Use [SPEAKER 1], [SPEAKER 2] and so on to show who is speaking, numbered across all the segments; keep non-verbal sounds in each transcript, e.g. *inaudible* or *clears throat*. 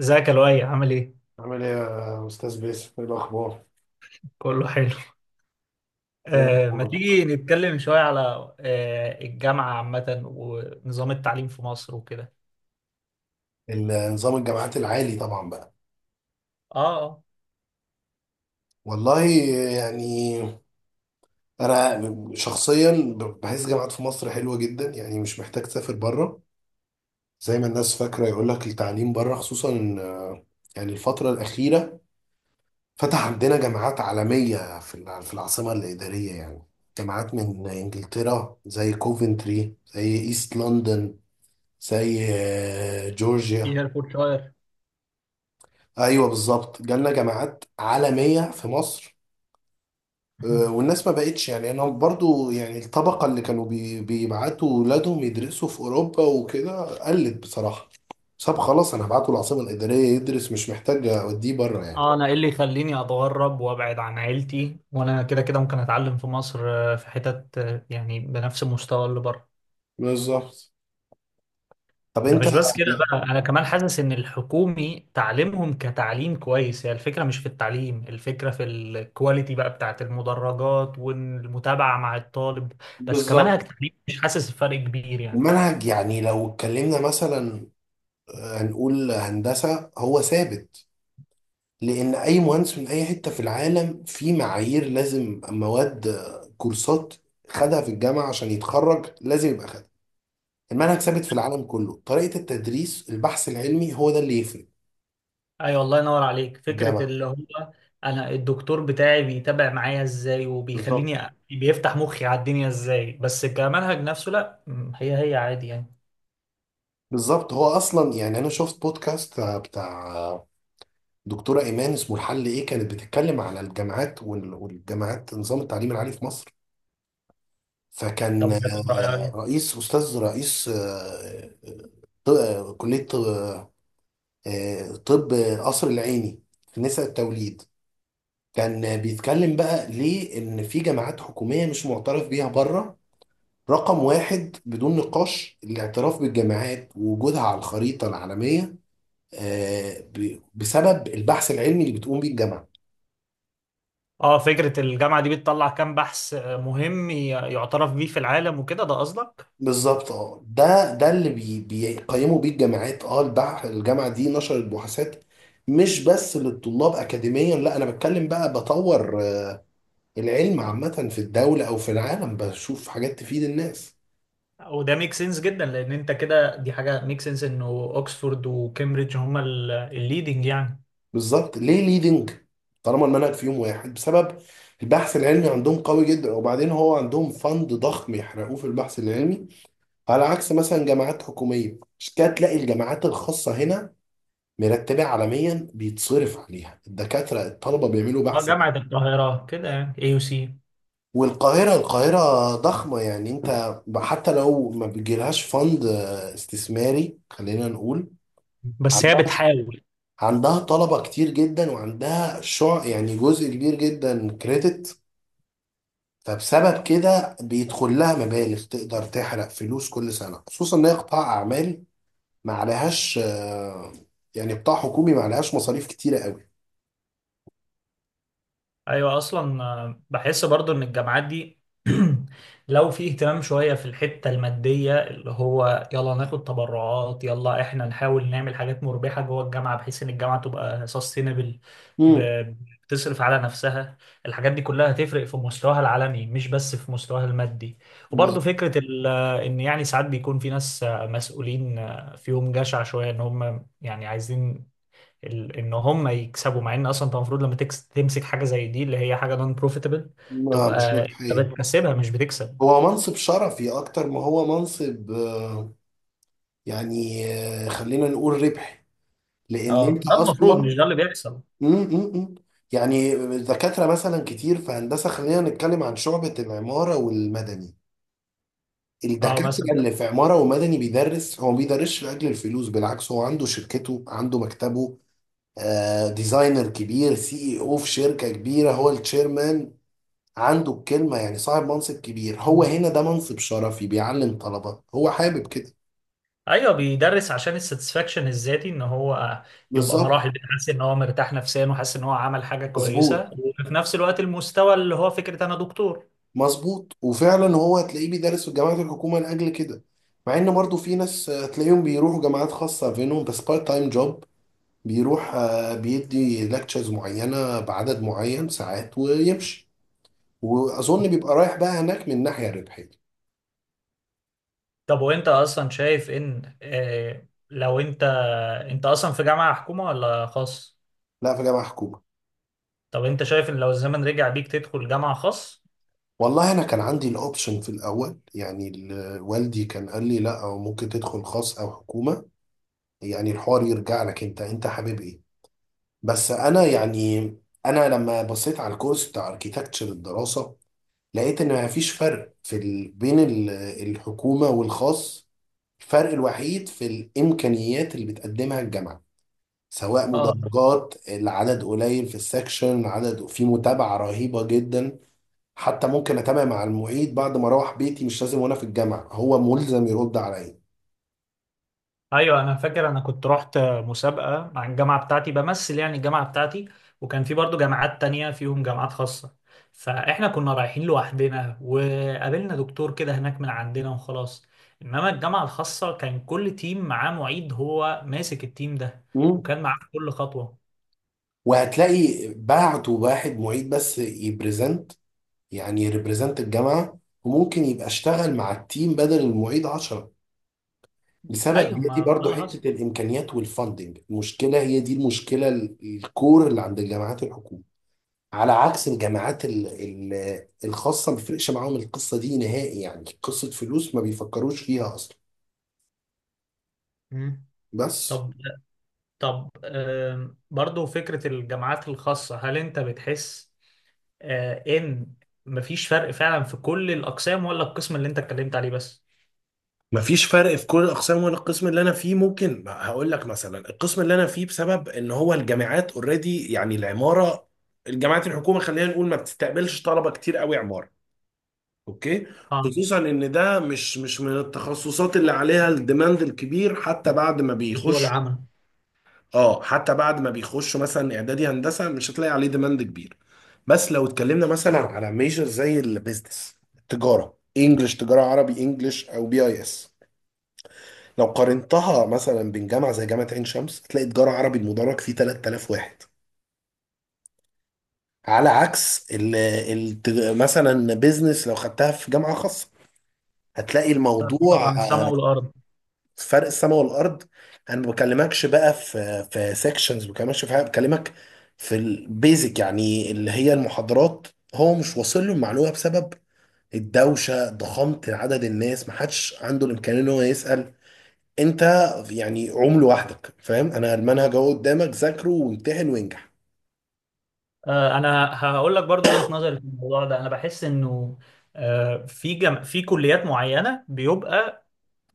[SPEAKER 1] ازيك يا لؤي؟ عامل ايه؟
[SPEAKER 2] عامل ايه يا استاذ باسم، ايه الاخبار؟
[SPEAKER 1] كله حلو.
[SPEAKER 2] ايه
[SPEAKER 1] آه، ما
[SPEAKER 2] الاخبار؟
[SPEAKER 1] تيجي نتكلم شوية على آه الجامعة عامة ونظام التعليم في مصر وكده.
[SPEAKER 2] النظام الجامعات العالي طبعا بقى.
[SPEAKER 1] اه.
[SPEAKER 2] والله، يعني انا شخصيا بحس جامعات في مصر حلوه جدا، يعني مش محتاج تسافر بره زي ما الناس فاكره يقول لك التعليم بره، خصوصا يعني الفتره الاخيره فتح عندنا جامعات عالميه في في العاصمه الاداريه، يعني جامعات من انجلترا زي كوفنتري، زي ايست لندن، زي
[SPEAKER 1] في
[SPEAKER 2] جورجيا.
[SPEAKER 1] هيرفورشاير.
[SPEAKER 2] ايوه بالظبط، جالنا جامعات عالميه في مصر.
[SPEAKER 1] *laughs*
[SPEAKER 2] والناس ما بقتش، يعني انا برضو يعني الطبقه اللي كانوا بيبعتوا ولادهم يدرسوا في اوروبا وكده، قلت بصراحه طب خلاص انا هبعته العاصمه الاداريه يدرس، مش محتاج اوديه بره يعني.
[SPEAKER 1] اه، انا ايه اللي يخليني اتغرب وابعد عن عيلتي وانا كده كده ممكن اتعلم في مصر، في حتت يعني بنفس المستوى اللي بره.
[SPEAKER 2] بالظبط. طب
[SPEAKER 1] ده
[SPEAKER 2] انت،
[SPEAKER 1] مش بس كده
[SPEAKER 2] يعني
[SPEAKER 1] بقى، انا كمان حاسس ان الحكومي تعليمهم كتعليم كويس. هي الفكره مش في التعليم، الفكره في الكواليتي بقى بتاعت المدرجات والمتابعه مع الطالب. بس كمان
[SPEAKER 2] بالظبط.
[SPEAKER 1] كتعليم مش حاسس بفرق كبير يعني.
[SPEAKER 2] المنهج يعني لو اتكلمنا مثلا، هنقول هندسه هو ثابت، لان اي مهندس من اي حته في العالم في معايير لازم مواد، كورسات خدها في الجامعه عشان يتخرج، لازم يبقى خدها. المنهج ثابت في العالم كله، طريقه التدريس البحث العلمي هو ده اللي يفرق
[SPEAKER 1] ايوه، الله ينور عليك.
[SPEAKER 2] في
[SPEAKER 1] فكره
[SPEAKER 2] الجامعه.
[SPEAKER 1] اللي هو انا الدكتور بتاعي بيتابع معايا ازاي، وبيخليني
[SPEAKER 2] بالظبط
[SPEAKER 1] بيفتح مخي على الدنيا ازاي. بس كمنهج نفسه، لا هي عادي يعني.
[SPEAKER 2] بالظبط. هو اصلا يعني انا شفت بودكاست بتاع دكتوره ايمان اسمه الحل ايه، كانت بتتكلم على الجامعات والجامعات نظام التعليم العالي في مصر.
[SPEAKER 1] طب
[SPEAKER 2] فكان رئيس استاذ رئيس آه، كليه طب، طب قصر العيني في نساء التوليد. كان بيتكلم بقى ليه ان في جامعات حكوميه مش معترف بيها بره. رقم واحد بدون نقاش الاعتراف بالجامعات ووجودها على الخريطه العالميه، بسبب البحث العلمي اللي بتقوم بيه الجامعه.
[SPEAKER 1] اه، فكرة الجامعة دي بتطلع كام بحث مهم يعترف بيه في العالم وكده؟ ده قصدك.
[SPEAKER 2] بالظبط، اه ده اللي بيقيموا بيه الجامعات. اه الجامعه دي نشرت بحوثات مش بس للطلاب اكاديميا، لا، انا بتكلم بقى بطور العلم عامة في الدولة أو في العالم، بشوف حاجات تفيد الناس.
[SPEAKER 1] وده ميك سنس جدا، لان انت كده دي حاجة ميك سنس انه اوكسفورد وكامبريدج هما الليدنج يعني.
[SPEAKER 2] بالظبط ليه ليدنج؟ طالما المنهج فيهم واحد، بسبب البحث العلمي عندهم قوي جدا، وبعدين هو عندهم فند ضخم يحرقوه في البحث العلمي، على عكس مثلا جامعات حكومية. مش كده، تلاقي الجامعات الخاصة هنا مرتبة عالميا، بيتصرف عليها الدكاترة، الطلبة بيعملوا
[SPEAKER 1] اه،
[SPEAKER 2] بحث علمي.
[SPEAKER 1] جامعة القاهرة كده يعني، اي يو سي.
[SPEAKER 2] والقاهرة، القاهرة ضخمة يعني، انت حتى لو ما بيجيلهاش فند استثماري خلينا نقول،
[SPEAKER 1] بس هي بتحاول.
[SPEAKER 2] عندها طلبة كتير جدا وعندها شع يعني جزء كبير جدا كريدت، فبسبب كده بيدخل لها مبالغ تقدر تحرق فلوس كل سنة، خصوصا ان هي قطاع اعمال، ما عليهاش يعني قطاع حكومي ما عليهاش مصاريف كتيرة قوي.
[SPEAKER 1] ايوه اصلا، بحس برضو ان الجامعات دي *clears throat* لو في اهتمام شويه في الحته الماديه، اللي هو يلا ناخد تبرعات، يلا احنا نحاول نعمل حاجات مربحه جوه الجامعه، بحيث ان الجامعه تبقى سستينبل،
[SPEAKER 2] امم.
[SPEAKER 1] بتصرف على نفسها. الحاجات دي كلها هتفرق في مستواها العلمي، مش بس في مستواها المادي. وبرضو
[SPEAKER 2] بالظبط.
[SPEAKER 1] فكره ان يعني ساعات بيكون في ناس مسؤولين فيهم جشع شويه، ان هم يعني عايزين ان هم يكسبوا، مع ان اصلا انت المفروض لما تمسك حاجه زي دي اللي هي حاجه نون بروفيتبل،
[SPEAKER 2] ما مش
[SPEAKER 1] تبقى انت
[SPEAKER 2] ربحية.
[SPEAKER 1] بتكسبها مش بتكسب.
[SPEAKER 2] هو منصب شرفي اكتر ما هو منصب يعني خلينا نقول ربحي، لان
[SPEAKER 1] اه،
[SPEAKER 2] انت
[SPEAKER 1] ده المفروض،
[SPEAKER 2] اصلا.
[SPEAKER 1] مش ده اللي بيحصل.
[SPEAKER 2] إمم، إمم. يعني الدكاترة مثلا كتير في هندسة، خلينا نتكلم عن شعبة العمارة والمدني.
[SPEAKER 1] اه
[SPEAKER 2] الدكاترة
[SPEAKER 1] مثلا.
[SPEAKER 2] اللي في عمارة ومدني بيدرس، هو ما بيدرسش لأجل الفلوس، بالعكس هو عنده شركته، عنده مكتبه، آه ديزاينر كبير، سي اي او في شركة كبيرة، هو التشيرمان، عنده الكلمة، يعني صاحب منصب كبير. هو هنا ده منصب شرفي، بيعلم طلبة هو حابب كده.
[SPEAKER 1] ايوه، بيدرس عشان الساتسفاكشن الذاتي، ان هو يبقى
[SPEAKER 2] بالظبط.
[SPEAKER 1] مراحل حاسس ان هو مرتاح نفسيا، وحاسس ان هو عمل حاجه كويسه،
[SPEAKER 2] مظبوط
[SPEAKER 1] وفي نفس الوقت المستوى اللي هو فكره انا دكتور.
[SPEAKER 2] مظبوط. وفعلا هو هتلاقيه بيدرس في جامعات الحكومه لاجل كده، مع ان برضو في ناس تلاقيهم بيروحوا جامعات خاصه، فينهم بس بارت تايم جوب، بيروح بيدي لكتشرز معينه بعدد معين ساعات ويمشي. واظن بيبقى رايح بقى هناك من ناحيه ربحيه.
[SPEAKER 1] طب وانت اصلا شايف ان لو انت، انت اصلا في جامعه حكومه ولا خاص؟
[SPEAKER 2] لا، في جامعه حكومه.
[SPEAKER 1] طب انت شايف ان لو الزمن رجع بيك تدخل جامعه خاص؟
[SPEAKER 2] والله انا كان عندي الاوبشن في الاول، يعني والدي كان قال لي لا، أو ممكن تدخل خاص او حكومه، يعني الحوار يرجع لك انت، انت حابب ايه. بس انا يعني، انا لما بصيت على الكورس بتاع اركيتكتشر الدراسه، لقيت ان ما فيش فرق في بين الحكومه والخاص. الفرق الوحيد في الامكانيات اللي بتقدمها الجامعه، سواء
[SPEAKER 1] اه.
[SPEAKER 2] مدرجات العدد قليل في السكشن، عدد في متابعه رهيبه جدا. حتى ممكن اتابع مع المعيد بعد ما اروح بيتي، مش لازم وانا في الجامعه، هو ملزم يرد عليا.
[SPEAKER 1] ايوه انا فاكر، انا كنت رحت مسابقه مع الجامعه بتاعتي، بمثل يعني الجامعه بتاعتي، وكان في برضو جامعات تانية فيهم جامعات خاصه. فاحنا كنا رايحين لوحدنا، وقابلنا دكتور كده هناك من عندنا وخلاص. انما الجامعه الخاصه كان كل تيم معاه معيد هو ماسك التيم ده،
[SPEAKER 2] مم.
[SPEAKER 1] وكان معاه في كل خطوه.
[SPEAKER 2] وهتلاقي بعتوا واحد معيد بس يبريزنت، يعني يريبريزنت الجامعه، وممكن يبقى اشتغل مع التيم بدل المعيد 10، لسبب
[SPEAKER 1] ايوه،
[SPEAKER 2] هي دي
[SPEAKER 1] ما ده
[SPEAKER 2] برضو
[SPEAKER 1] اللي
[SPEAKER 2] حته
[SPEAKER 1] حصل.
[SPEAKER 2] الامكانيات والفاندنج. المشكله هي دي المشكله، الكور اللي عند الجامعات الحكوميه. على عكس الجامعات الخاصه، ما بيفرقش معاهم القصه دي نهائي، يعني قصه فلوس ما بيفكروش فيها اصلا.
[SPEAKER 1] مم.
[SPEAKER 2] بس،
[SPEAKER 1] طب، طب برضو فكرة الجامعات الخاصة، هل انت بتحس ان مفيش فرق فعلا في كل الاقسام، ولا القسم اللي انت اتكلمت عليه بس؟
[SPEAKER 2] مفيش فرق في كل الاقسام ولا القسم اللي انا فيه. ممكن هقول لك مثلا القسم اللي انا فيه، بسبب ان هو الجامعات اوريدي يعني العماره، الجامعات الحكومه خلينا نقول ما بتستقبلش طلبه كتير قوي عماره. اوكي،
[SPEAKER 1] اه،
[SPEAKER 2] خصوصا ان ده مش من التخصصات اللي عليها الديماند الكبير. حتى بعد ما
[SPEAKER 1] في سوق
[SPEAKER 2] بيخش،
[SPEAKER 1] العمل.
[SPEAKER 2] اه حتى بعد ما بيخشوا مثلا اعدادي هندسه، مش هتلاقي عليه ديماند كبير. بس لو اتكلمنا مثلا على ميجر زي البيزنس، التجاره انجلش، تجاره عربي انجلش، او بي اي اس، لو قارنتها مثلا بين جامعه زي جامعه عين شمس، هتلاقي تجاره عربي المدرج فيه 3,000 واحد، على عكس ال مثلا بيزنس لو خدتها في جامعه خاصه، هتلاقي
[SPEAKER 1] فرق
[SPEAKER 2] الموضوع
[SPEAKER 1] طبعا السماء والارض.
[SPEAKER 2] فرق السماء والارض. انا ما بكلمكش بقى في سيكشنز، ما بكلمكش في حاجه، بكلمك في البيزك يعني اللي هي المحاضرات. هو مش واصل له المعلومه بسبب الدوشه، ضخامه عدد الناس، ما حدش عنده الامكانيه ان هو يسال. انت يعني عمل لوحدك، فاهم انا المنهج اهو قدامك، ذاكره وامتحن وانجح.
[SPEAKER 1] انا هقول لك برضو وجهة نظري في الموضوع ده. انا بحس انه في كليات معينة بيبقى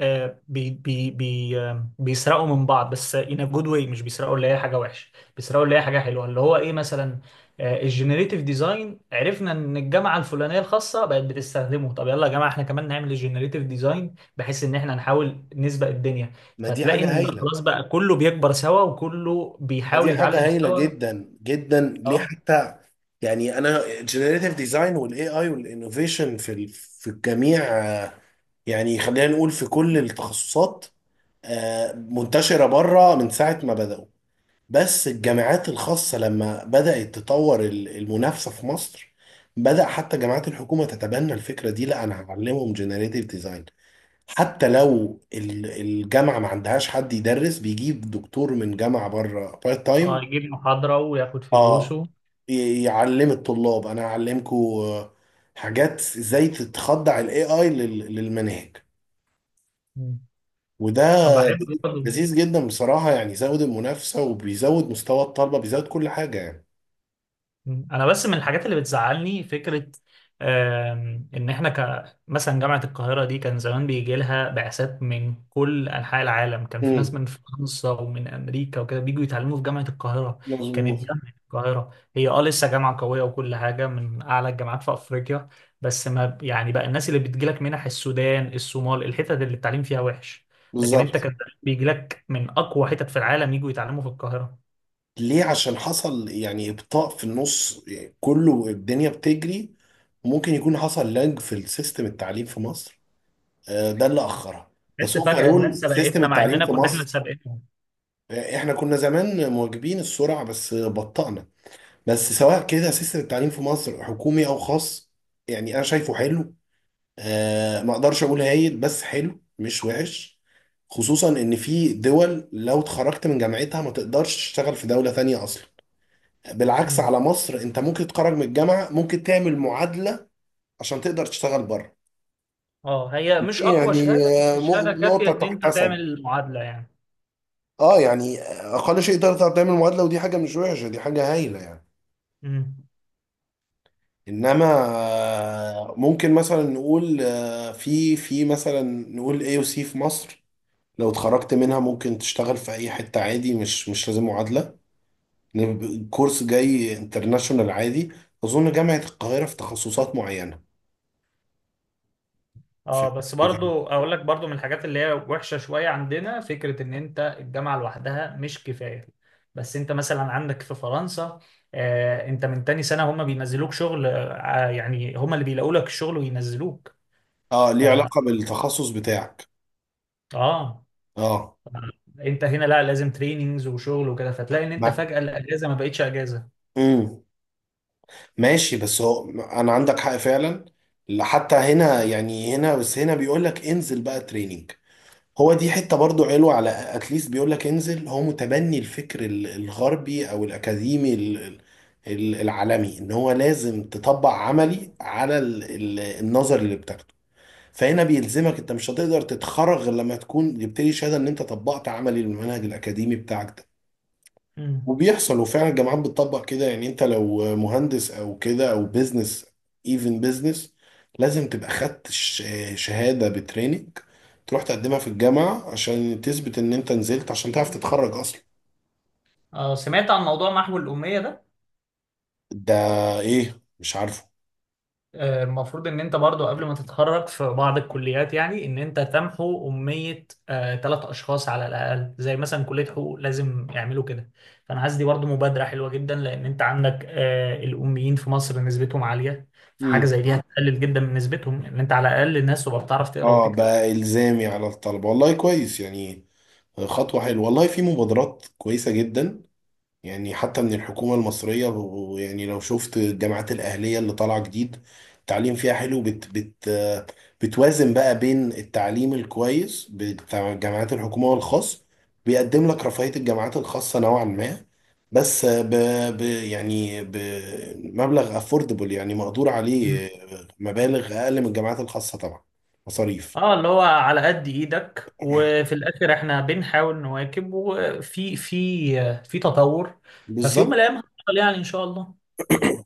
[SPEAKER 1] آه، بي بي بي آه، بيسرقوا من بعض، بس in a good way. مش بيسرقوا اللي هي حاجة وحشة، بيسرقوا اللي هي حاجة حلوة. اللي هو ايه مثلا؟ الجنريتيف ديزاين. عرفنا ان الجامعة الفلانية الخاصة بقت بتستخدمه، طب يلا يا جماعة احنا كمان نعمل الجنريتيف ديزاين، بحيث ان احنا نحاول نسبق الدنيا.
[SPEAKER 2] ما دي
[SPEAKER 1] فتلاقي
[SPEAKER 2] حاجه
[SPEAKER 1] ان
[SPEAKER 2] هايله.
[SPEAKER 1] خلاص بقى كله بيكبر سوا، وكله
[SPEAKER 2] ما دي
[SPEAKER 1] بيحاول
[SPEAKER 2] حاجه
[SPEAKER 1] يتعلم
[SPEAKER 2] هايله
[SPEAKER 1] سوا.
[SPEAKER 2] جدا جدا، ليه
[SPEAKER 1] اه.
[SPEAKER 2] حتى يعني انا، الجنريتيف ديزاين والاي اي والانوفيشن في في الجميع، يعني خلينا نقول في كل التخصصات، منتشره بره من ساعه ما بداوا. بس الجامعات الخاصه لما بدات تطور المنافسه في مصر، بدأ حتى جامعات الحكومة تتبنى الفكرة دي، لا أنا هعلمهم جنريتيف ديزاين. حتى لو الجامعة ما عندهاش حد يدرس، بيجيب دكتور من جامعة بره بارت
[SPEAKER 1] اه،
[SPEAKER 2] تايم.
[SPEAKER 1] يجيب محاضرة وياخد
[SPEAKER 2] اه
[SPEAKER 1] فلوسه.
[SPEAKER 2] يعلم الطلاب انا هعلمكم حاجات ازاي تتخضع الاي اي للمناهج،
[SPEAKER 1] مم. انا
[SPEAKER 2] وده
[SPEAKER 1] بحب.
[SPEAKER 2] لذيذ جدا بصراحة، يعني يزود المنافسة وبيزود مستوى الطلبة، بيزود كل حاجة يعني.
[SPEAKER 1] مم. انا بس من الحاجات اللي بتزعلني فكره ان احنا ك مثلا جامعه القاهره دي كان زمان بيجي لها بعثات من كل انحاء العالم. كان في
[SPEAKER 2] امم.
[SPEAKER 1] ناس من فرنسا ومن امريكا وكده بيجوا يتعلموا في جامعه القاهره. كانت
[SPEAKER 2] مظبوط.
[SPEAKER 1] جامعه القاهره هي اه لسه جامعه قويه وكل حاجه، من اعلى الجامعات في افريقيا. بس ما يعني بقى الناس اللي بتجيلك منح، السودان، الصومال، الحتت اللي التعليم فيها وحش. لكن انت
[SPEAKER 2] بالظبط.
[SPEAKER 1] كان بيجيلك من اقوى حتت في العالم يجوا يتعلموا في القاهره.
[SPEAKER 2] ليه؟ عشان حصل يعني ابطاء في النص يعني، كله الدنيا بتجري، ممكن يكون حصل لاج في السيستم التعليم في مصر، ده اللي اخرها. بس
[SPEAKER 1] بس فجأة الناس
[SPEAKER 2] اوفرول سيستم
[SPEAKER 1] سبقتنا، مع
[SPEAKER 2] التعليم
[SPEAKER 1] اننا
[SPEAKER 2] في
[SPEAKER 1] كنا احنا
[SPEAKER 2] مصر،
[SPEAKER 1] سابقين.
[SPEAKER 2] احنا كنا زمان مواكبين السرعه، بس بطأنا. بس سواء كده سيستم التعليم في مصر حكومي او خاص، يعني انا شايفه حلو، ما اقدرش اقول هايل، بس حلو مش وحش. خصوصا ان في دول لو اتخرجت من جامعتها ما تقدرش تشتغل في دوله ثانيه اصلا، بالعكس
[SPEAKER 1] مم.
[SPEAKER 2] على مصر انت ممكن تتخرج من الجامعه، ممكن تعمل معادله عشان تقدر تشتغل بره.
[SPEAKER 1] اه هي مش اقوى
[SPEAKER 2] يعني
[SPEAKER 1] شهاده، بس شهاده كافيه
[SPEAKER 2] نقطه
[SPEAKER 1] ان انت تعمل
[SPEAKER 2] تحتسب.
[SPEAKER 1] المعادله يعني.
[SPEAKER 2] اه يعني اقل شيء تقدر تعمل معادله، ودي حاجه مش وحشه، دي حاجه هايله يعني.
[SPEAKER 1] مم.
[SPEAKER 2] انما ممكن مثلا نقول في مثلا نقول اي او سي في مصر، لو اتخرجت منها ممكن تشتغل في اي حته عادي، مش مش لازم معادله. الكورس جاي انترناشونال عادي، اظن جامعه القاهره في تخصصات معينه. في-
[SPEAKER 1] اه، بس برضو اقول لك برضو من الحاجات اللي هي وحشه شويه عندنا، فكره ان انت الجامعه لوحدها مش كفايه. بس انت مثلا عندك في فرنسا، آه انت من تاني سنه هم بينزلوك شغل، آه يعني هم اللي بيلاقوا لك الشغل وينزلوك.
[SPEAKER 2] اه،
[SPEAKER 1] ف
[SPEAKER 2] ليه علاقه بالتخصص بتاعك.
[SPEAKER 1] اه.
[SPEAKER 2] اه
[SPEAKER 1] انت هنا لا، لازم تريننجز وشغل وكده، فتلاقي ان انت
[SPEAKER 2] مع
[SPEAKER 1] فجاه الاجازه ما بقتش اجازه.
[SPEAKER 2] امم، ماشي بس هو انا عندك حق فعلا. حتى هنا يعني، هنا بس هنا بيقول لك انزل بقى تريننج، هو دي حتة برضو حلوة. على اتليست بيقول لك انزل، هو متبني الفكر الغربي او الاكاديمي العالمي، ان هو لازم تطبق عملي على النظر اللي بتاخده. فهنا بيلزمك، انت مش هتقدر تتخرج غير لما تكون جبت لي شهادة ان انت طبقت عملي للمنهج الاكاديمي بتاعك ده.
[SPEAKER 1] مم.
[SPEAKER 2] وبيحصل، وفعلا الجامعات بتطبق كده. يعني انت لو مهندس او كده، او بيزنس، ايفن بيزنس، لازم تبقى خدت شهادة بتريننج تروح تقدمها في الجامعة عشان تثبت ان انت نزلت، عشان تعرف تتخرج اصلا.
[SPEAKER 1] اه، سمعت عن موضوع محو الاميه ده؟
[SPEAKER 2] ده ايه؟ مش عارفه.
[SPEAKER 1] المفروض ان انت برضو قبل ما تتخرج في بعض الكليات، يعني ان انت تمحو امية ثلاث اشخاص على الاقل، زي مثلا كلية حقوق لازم يعملوا كده. فانا حاسس دي برضو مبادرة حلوة جدا، لان انت عندك الاميين في مصر نسبتهم عالية. فحاجة
[SPEAKER 2] امم.
[SPEAKER 1] زي دي هتقلل جدا من نسبتهم، ان انت على الاقل الناس تبقى بتعرف تقرا
[SPEAKER 2] اه
[SPEAKER 1] وتكتب.
[SPEAKER 2] بقى الزامي على الطلبة، والله كويس يعني، خطوة حلوة. والله في مبادرات كويسة جدا، يعني حتى من الحكومة المصرية يعني لو شفت الجامعات الأهلية اللي طالعة جديد، التعليم فيها حلو، بت بتوازن بقى بين التعليم الكويس بتاع جامعات الحكومة والخاص، بيقدم لك رفاهية الجامعات الخاصة نوعا ما، بس ب ب يعني بمبلغ افوردبل يعني مقدور عليه،
[SPEAKER 1] مم.
[SPEAKER 2] مبالغ أقل من الجامعات الخاصة طبعا، مصاريف.
[SPEAKER 1] اه، اللي هو على قد ايدك، وفي الاخر احنا بنحاول نواكب، وفي في آه، في تطور. ففي يوم من
[SPEAKER 2] بالظبط.
[SPEAKER 1] الايام هنوصل يعني ان شاء الله.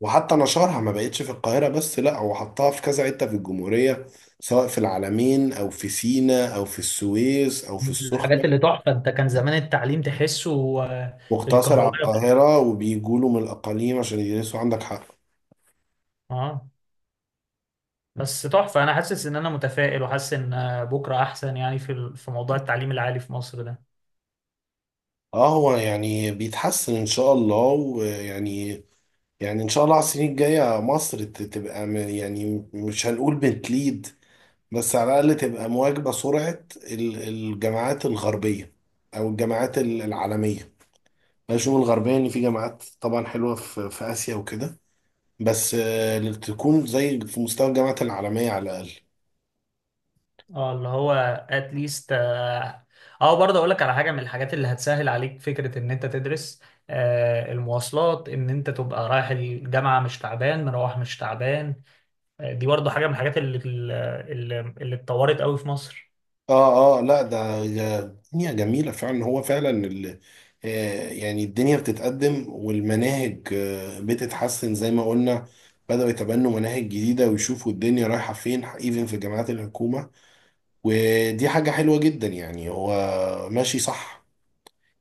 [SPEAKER 2] وحتى نشرها ما بقتش في القاهرة بس، لا، هو حطها في كذا حتة في الجمهورية، سواء في العلمين أو في سينا أو في السويس أو في
[SPEAKER 1] دي من الحاجات اللي
[SPEAKER 2] السخنة،
[SPEAKER 1] تحفة. انت كان زمان التعليم تحسه
[SPEAKER 2] واقتصر على
[SPEAKER 1] الكهربائي.
[SPEAKER 2] القاهرة وبيجوا له من الأقاليم عشان يدرسوا. عندك حق.
[SPEAKER 1] اه. بس تحفة، انا حاسس ان انا متفائل، وحاسس ان بكرة احسن يعني في موضوع التعليم العالي في مصر ده.
[SPEAKER 2] اه، هو يعني بيتحسن إن شاء الله، ويعني، يعني إن شاء الله على السنين الجاية مصر تبقى يعني مش هنقول بتليد، بس على الأقل تبقى مواكبة سرعة الجامعات الغربية، أو الجامعات العالمية، الشعوب الغربية، إن في جامعات طبعا حلوة في، في آسيا وكده، بس اللي تكون زي في مستوى الجامعات العالمية على الأقل.
[SPEAKER 1] اه اللي هو اتليست اه. برضه اقول لك على حاجة من الحاجات اللي هتسهل عليك فكرة ان انت تدرس: آه المواصلات. ان انت تبقى رايح الجامعة مش تعبان، مروح مش تعبان. دي برضه حاجة من الحاجات اللي اتطورت قوي في مصر.
[SPEAKER 2] آه آه لا ده دنيا جميلة فعلا. هو فعلا يعني الدنيا بتتقدم، والمناهج بتتحسن زي ما قلنا، بدأوا يتبنوا مناهج جديدة ويشوفوا الدنيا رايحة فين، ايفن في جامعات الحكومة، ودي حاجة حلوة جدا يعني. هو ماشي صح،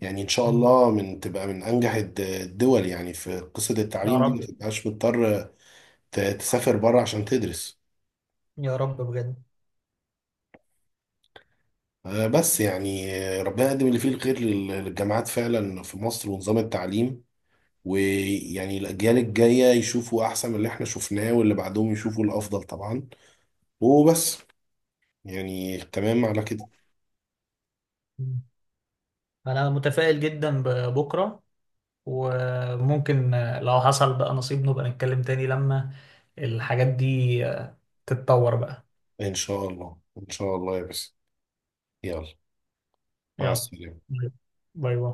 [SPEAKER 2] يعني ان شاء
[SPEAKER 1] مم.
[SPEAKER 2] الله من تبقى من انجح الدول يعني في قصة
[SPEAKER 1] يا
[SPEAKER 2] التعليم دي،
[SPEAKER 1] رب.
[SPEAKER 2] ما تبقاش مضطر تسافر بره عشان تدرس.
[SPEAKER 1] يا رب بجد.
[SPEAKER 2] بس يعني ربنا يقدم اللي فيه الخير للجامعات فعلا في مصر ونظام التعليم، ويعني الاجيال الجاية يشوفوا احسن من اللي احنا شفناه، واللي بعدهم يشوفوا الافضل طبعا. وبس، يعني تمام على كده.
[SPEAKER 1] انا متفائل جدا ببكره. وممكن لو حصل بقى نصيب نبقى نتكلم تاني لما الحاجات دي تتطور بقى.
[SPEAKER 2] ان شاء الله ان شاء الله، يا بس، يلا، مع
[SPEAKER 1] يلا.
[SPEAKER 2] السلامة.
[SPEAKER 1] باي. باي باي